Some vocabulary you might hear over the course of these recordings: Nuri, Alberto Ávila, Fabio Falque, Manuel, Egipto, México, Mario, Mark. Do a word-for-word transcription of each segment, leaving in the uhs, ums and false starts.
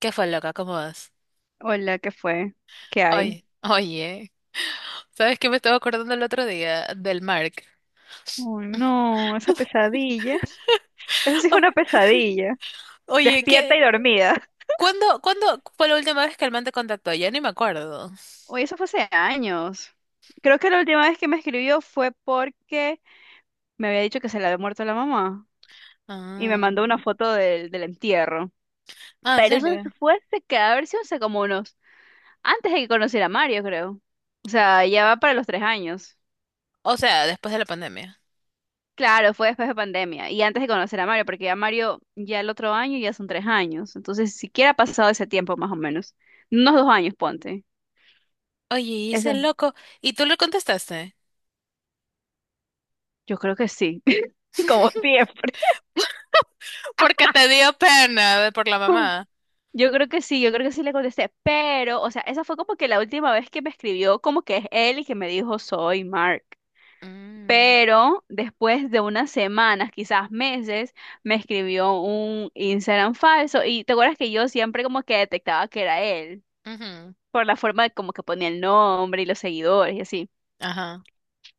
¿Qué fue, loca? ¿Cómo vas? Hola, ¿qué fue? ¿Qué hay? Oye, oye, ¿sabes qué me estaba acordando el otro día del Mark? Oh, no, esa pesadilla. Eso sí es Oye, una pesadilla. oye, Despierta y ¿qué? dormida. ¿Cuándo, cuándo fue la última vez que el man te contactó? Ya ni me acuerdo. Oye, eso fue hace años. Creo que la última vez que me escribió fue porque me había dicho que se le había muerto la mamá y me Ah, mandó una foto del, del entierro. ah, ¿en Pero eso serio? fue hace que haber sido hace como unos, antes de que conociera a Mario, creo. O sea, ya va para los tres años. O sea, después de la pandemia. Claro, fue después de pandemia y antes de conocer a Mario, porque a Mario ya el otro año ya son tres años, entonces siquiera ha pasado ese tiempo más o menos, unos dos años, ponte. Oye, y Eso, ese loco, ¿y tú le contestaste? yo creo que sí, como siempre. Porque te dio pena de- por la mamá. Yo creo que sí, yo creo que sí le contesté, pero, o sea, esa fue como que la última vez que me escribió, como que es él y que me dijo soy Mark. Mm, Pero después de unas semanas, quizás meses, me escribió un Instagram falso y te acuerdas que yo siempre como que detectaba que era él. ujú, Por la forma de como que ponía el nombre y los seguidores y así. ajá,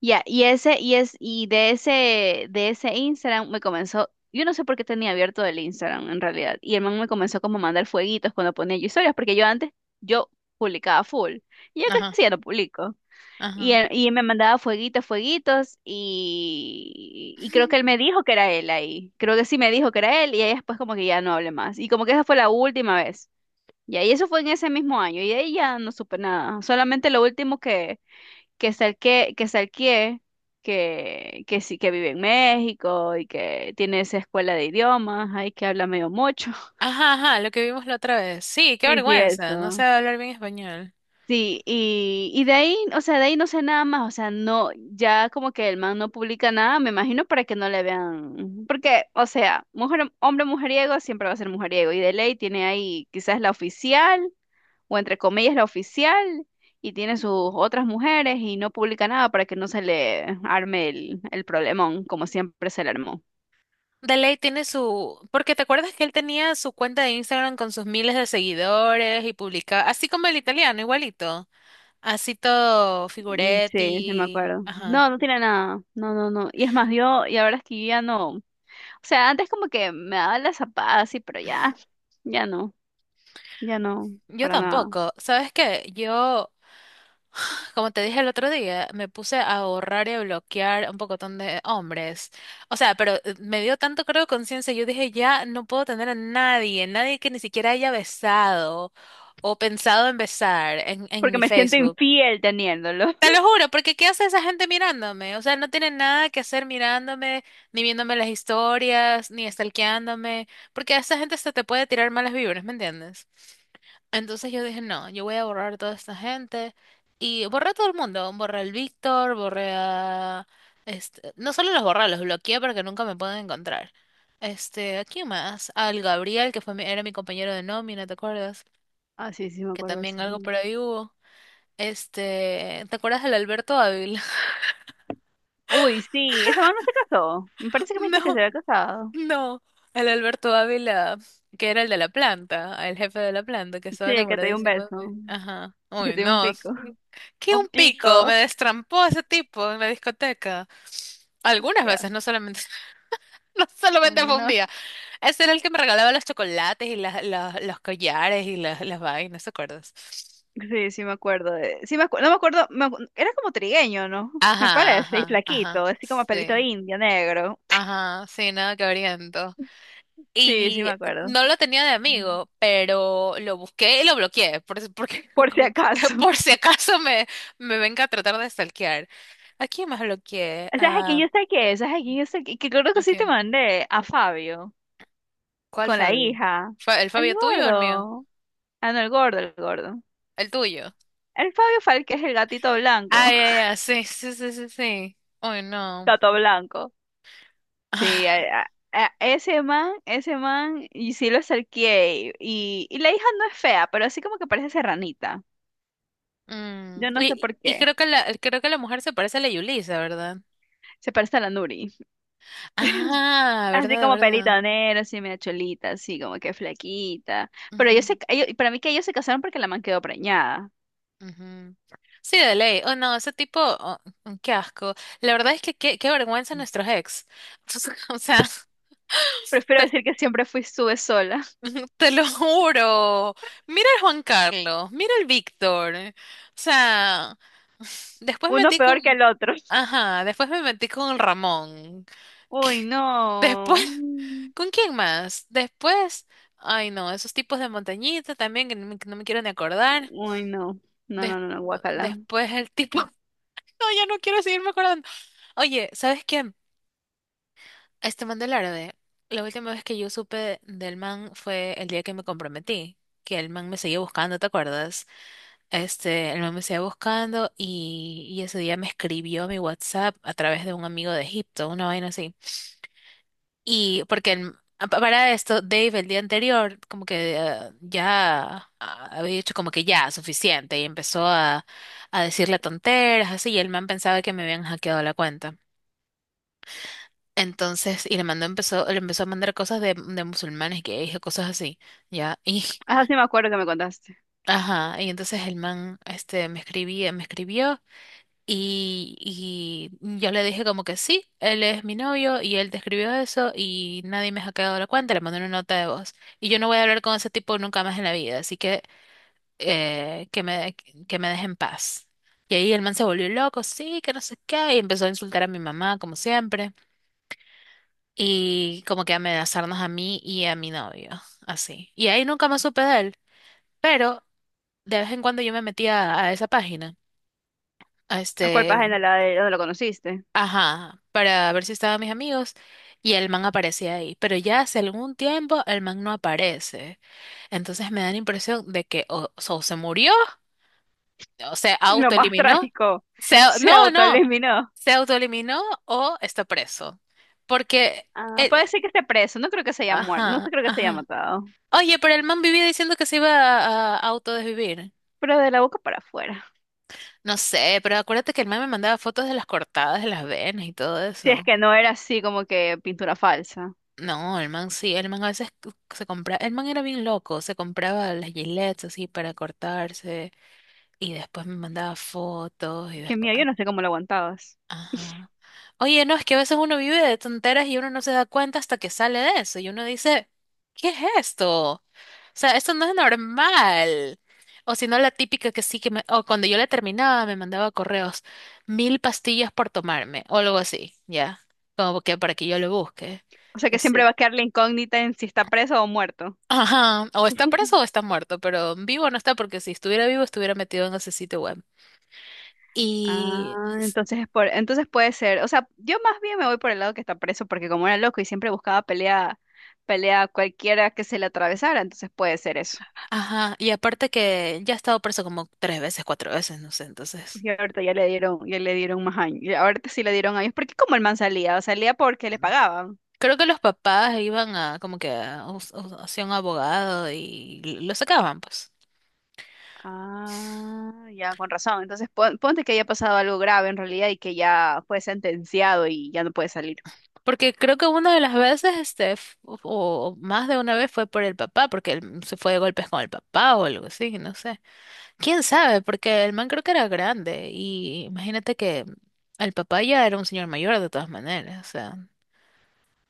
Ya, y ese, y es, y de ese, de ese Instagram me comenzó, yo no sé por qué tenía abierto el Instagram en realidad, y el man me comenzó como a mandar fueguitos cuando ponía yo historias, porque yo antes, yo publicaba full, y ya ajá, casi ya no publico. Y, ajá. él- y me mandaba fueguitos, fueguitos, y, y creo que él me dijo que era él ahí. Creo que sí me dijo que era él, y ahí después como que ya no hablé más. Y como que esa fue la última vez, y ahí eso fue en ese mismo año, y de ahí ya no supe nada. Solamente lo último que, que salqué, que salqué, que, que sí, que vive en México y que tiene esa escuela de idiomas, ahí que habla medio mucho. Ajá, ajá, lo que vimos la otra vez. Sí, qué Sí, sí, vergüenza, no sé eso. hablar bien español. Sí, y, y de ahí, o sea, de ahí no sé nada más, o sea, no, ya como que el man no publica nada, me imagino para que no le vean, porque, o sea, mujer, hombre mujeriego siempre va a ser mujeriego, y de ley tiene ahí quizás la oficial o entre comillas la oficial, y tiene sus otras mujeres y no publica nada para que no se le arme el, el problemón, como siempre se le armó. De ley tiene su, porque te acuerdas que él tenía su cuenta de Instagram con sus miles de seguidores y publicaba, así como el italiano, igualito, así todo Mm, sí, sí me Figuretti, acuerdo. ajá. No, no tiene nada. No, no, no. Y es más, yo, y ahora es que yo ya no. O sea, antes como que me daba la zapada así, pero ya, ya no, ya no, Yo para nada. tampoco. ¿Sabes qué? Yo, como te dije el otro día, me puse a ahorrar y a bloquear un pocotón de hombres. O sea, pero eh, me dio tanto creo conciencia, yo dije, ya no puedo tener a nadie, nadie que ni siquiera haya besado o pensado en besar en, en Porque mi me siento Facebook. infiel teniéndolo. Te lo juro, porque ¿qué hace esa gente mirándome? O sea, no tienen nada que hacer mirándome, ni viéndome las historias, ni stalkeándome, porque a esa gente hasta te puede tirar malas vibras, ¿me entiendes? Entonces yo dije, no, yo voy a borrar a toda esta gente. Y borré a todo el mundo, borré al Víctor, borré a... Este, no solo los borré, los bloqueé para que nunca me puedan encontrar. Este, ¿a quién más? Al Gabriel, que fue mi- era mi compañero de nómina, ¿te acuerdas? Ah, sí, sí me Que acuerdo de también ese algo man. por ahí hubo. Este, ¿te acuerdas del Alberto Ávila? Uy, sí, ese man no se casó. Me parece que me dijiste que se No, había casado. no. Al Alberto Ávila, que era el de la planta, el jefe de la planta, que Sí, estaba el que te dio un enamoradísimo de mí. beso, Ajá. que Uy, te dio un no. pico. Qué Un un pico, pico, me destrampó ese tipo en la discoteca. Algunas ya, veces, no solamente, no solamente un- fue un no, día. Ese era el que me regalaba los chocolates y las, las- los collares y las, las vainas, ¿te acuerdas? sí, sí me acuerdo de, sí me acu- no me acuerdo, me acu- era como trigueño, ¿no? Me Ajá, parece, y ajá, flaquito, ajá. así como pelito Sí. indio, negro. Ajá, sí, nada que oriento. Sí, sí me Y acuerdo. no lo tenía de Mm. amigo, pero lo busqué y lo bloqueé, por, si- porque, Por si acaso. por si acaso me, me venga a tratar de stalkear. ¿A quién más bloqueé? ¿Sabes a quién Ah, yo saqué? ¿Sabes a quién yo saqué? Que creo que sí te ok. mandé a Fabio, ¿Cuál con la Fabio? hija. ¿Fa- ¿El El Fabio tuyo o el mío? gordo. Ah, no, el gordo, el gordo. El tuyo. El Fabio Falque es el gatito blanco. Ah, ya, ya, sí, sí, sí, sí, sí. Uy, no. Gato blanco. Sí, Ah, a- a- a- ese man, ese man, y sí lo acerqué. Y, y la hija no es fea, pero así como que parece serranita. mm, Yo no sé Y, por y qué. creo que la, creo que la mujer se parece a la Yulisa, ¿verdad? Se parece a la Nuri. Ah, Así verdad, como pelito verdad. negro, así medio cholita, así como que flaquita. Pero ellos se, ca- ellos- para mí que ellos se casaron porque la man quedó preñada. Ujú. Sí, de ley. Oh, no, ese tipo, oh, mm, qué asco. La verdad es que qué, qué vergüenza nuestros ex. O sea, Prefiero te, decir que siempre fui sube sola. te lo juro. Mira el Juan Carlos, mira el Víctor. O sea, después Uno metí con, peor que el otro. ajá, después me metí con el Ramón. Uy, Después, no. ¿con quién más? Después, ay no, esos tipos de montañita también que no me, que no me quiero ni acordar. Uy, no. No, Des- no, no, no, guacala. Después el tipo, no, ya no quiero seguirme acordando. Oye, ¿sabes qué? Este man del árabe, la última vez que yo supe del man fue el día que me comprometí, que el man me seguía buscando, ¿te acuerdas? Este, el man me seguía buscando y, y ese día me escribió a mi WhatsApp a través de un amigo de Egipto, una vaina así. Y porque el- a- pa- para esto, Dave el día anterior como que eh, ya ah, había dicho como que ya, suficiente, y empezó a, a decirle tonteras, así, y el man pensaba que me habían hackeado la cuenta. Entonces, y le mandó, empezó, le empezó a mandar cosas de, de musulmanes, gays o cosas así, ¿ya? Y, Ah, sí me acuerdo que me contaste. ajá, y entonces el man, este, me escribía, me escribió y, y yo le dije como que sí, él es mi novio y él te escribió eso y nadie me ha quedado la cuenta, le mandé una nota de voz. Y yo no voy a hablar con ese tipo nunca más en la vida, así que eh, que me, que me deje en paz. Y ahí el man se volvió loco, sí, que no sé qué, y empezó a insultar a mi mamá, como siempre, y como que amenazarnos a mí y a mi novio, así. Y ahí nunca más supe de él, pero de vez en cuando yo me metía a esa página, a ¿A cuál este, página, la de donde lo conociste? ajá, para ver si estaban mis amigos y el man aparecía ahí, pero ya hace algún tiempo el man no aparece. Entonces me da la impresión de que o, o se murió, o se Lo más autoeliminó, trágico, se, se no, no, autoeliminó. se autoeliminó o está preso, porque, Ah, eh, puede ser que esté preso, no creo que se haya muerto, no ajá, creo que se haya ajá. matado, Oye, pero el man vivía diciendo que se iba a, a autodesvivir. pero de la boca para afuera. No sé, pero acuérdate que el man me mandaba fotos de las cortadas de las venas y todo Si es eso. que no era así como que pintura falsa. No, el man sí, el man a veces c- se compraba, el man era bien loco, se compraba las gilets así para cortarse y después me mandaba fotos y Qué después, miedo, yo no sé cómo lo aguantabas. ajá. Oye, no, es que a veces uno vive de tonteras y uno no se da cuenta hasta que sale de eso y uno dice, ¿qué es esto? O sea, esto no es normal. O si no, la típica que sí que me, o cuando yo la terminaba me mandaba correos, mil pastillas por tomarme o algo así, ya, como que para que yo lo busque. O sea Que que siempre sí. va a quedar la incógnita en si está preso o muerto. Ajá, o está preso o está muerto, pero vivo no está porque si estuviera vivo estuviera metido en ese sitio web. Y Ah, entonces es por, entonces puede ser. O sea, yo más bien me voy por el lado que está preso, porque como era loco y siempre buscaba pelea, pelea a cualquiera que se le atravesara, entonces puede ser eso. ajá, y aparte que ya ha estado preso como tres veces, cuatro veces, no sé, entonces. Y ahorita ya le dieron, ya le dieron más años. Y ahorita sí le dieron años, porque como el man salía, salía porque le pagaban. Creo que los papás iban a como que a, us- us- hacia un abogado y lo sacaban, pues. Ah, ya, con razón. Entonces, pon- ponte que haya pasado algo grave en realidad y que ya fue sentenciado y ya no puede salir. Porque creo que una de las veces, este, f- o o más de una vez fue por el papá, porque él se fue de golpes con el papá o algo así, no sé. ¿Quién sabe? Porque el man creo que era grande y imagínate que el papá ya era un señor mayor de todas maneras, o sea.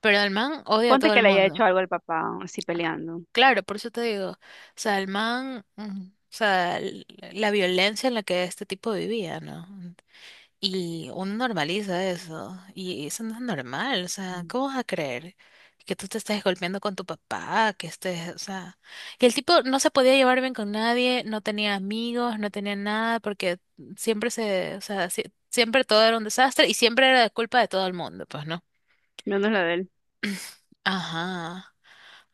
Pero el man odia a Ponte todo el que le haya mundo. hecho algo al papá, así peleando. Claro, por eso te digo, o sea, el man, mm, o sea, l- la violencia en la que este tipo vivía, ¿no? Y uno normaliza eso, y eso no es normal, o sea, Mm. ¿cómo vas a creer que tú te estés golpeando con tu papá, que estés, o sea, que el tipo no se podía llevar bien con nadie, no tenía amigos, no tenía nada, porque siempre se, o sea, sie- siempre todo era un desastre y siempre era culpa de todo el mundo, pues, ¿no? Menos lo de él. Ajá.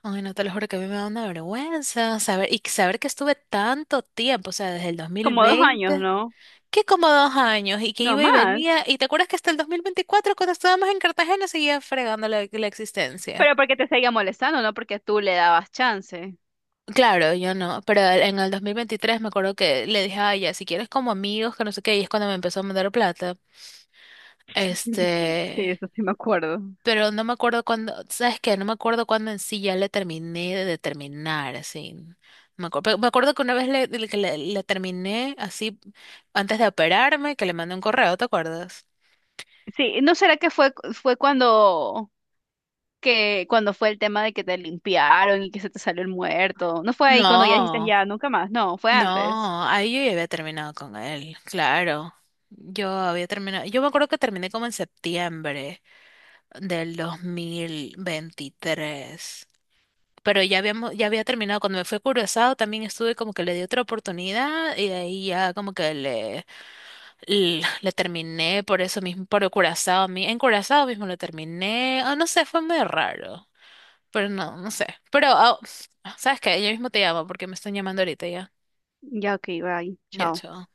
Ay, no te lo juro que a mí me da una vergüenza saber, y saber que estuve tanto tiempo, o sea, desde el dos mil Como dos años, veinte ¿no? que como dos años, y que No iba y más. venía, y te acuerdas que hasta el dos mil veinticuatro cuando estábamos en Cartagena, seguía fregando la, la existencia. Pero porque te seguía molestando, no porque tú le dabas chance. Claro, yo no, pero en el dos mil veintitrés me acuerdo que le dije, ay, ya, si quieres como amigos, que no sé qué, y es cuando me empezó a mandar plata, Sí, este, eso sí me acuerdo. pero no me acuerdo cuándo, ¿sabes qué? No me acuerdo cuándo en sí ya le terminé de determinar, así. No me acuerdo, me acuerdo que una vez le, le- que le- le terminé así antes de operarme, que le mandé un correo, ¿te acuerdas? Sí, ¿no será que fue, fue cuando, que cuando fue el tema de que te limpiaron y que se te salió el muerto? ¿No fue ahí cuando ya dijiste No, ya, nunca más? No, fue antes. no, ahí yo ya había terminado con él, claro. Yo había terminado, yo me acuerdo que terminé como en septiembre del dos mil veintitrés, pero ya habíamos, ya había terminado. Cuando me fue Curazao también estuve como que le di otra oportunidad y de ahí ya como que le, l- le, terminé por eso mismo, por Curazao, mi- en Curazao mismo lo terminé. Ah, no sé, fue muy raro, pero no, no sé. Pero, ah, ¿sabes qué? Yo mismo te llamo porque me están llamando ahorita ya. Ya, ok, bye. Ya, Chao. chao.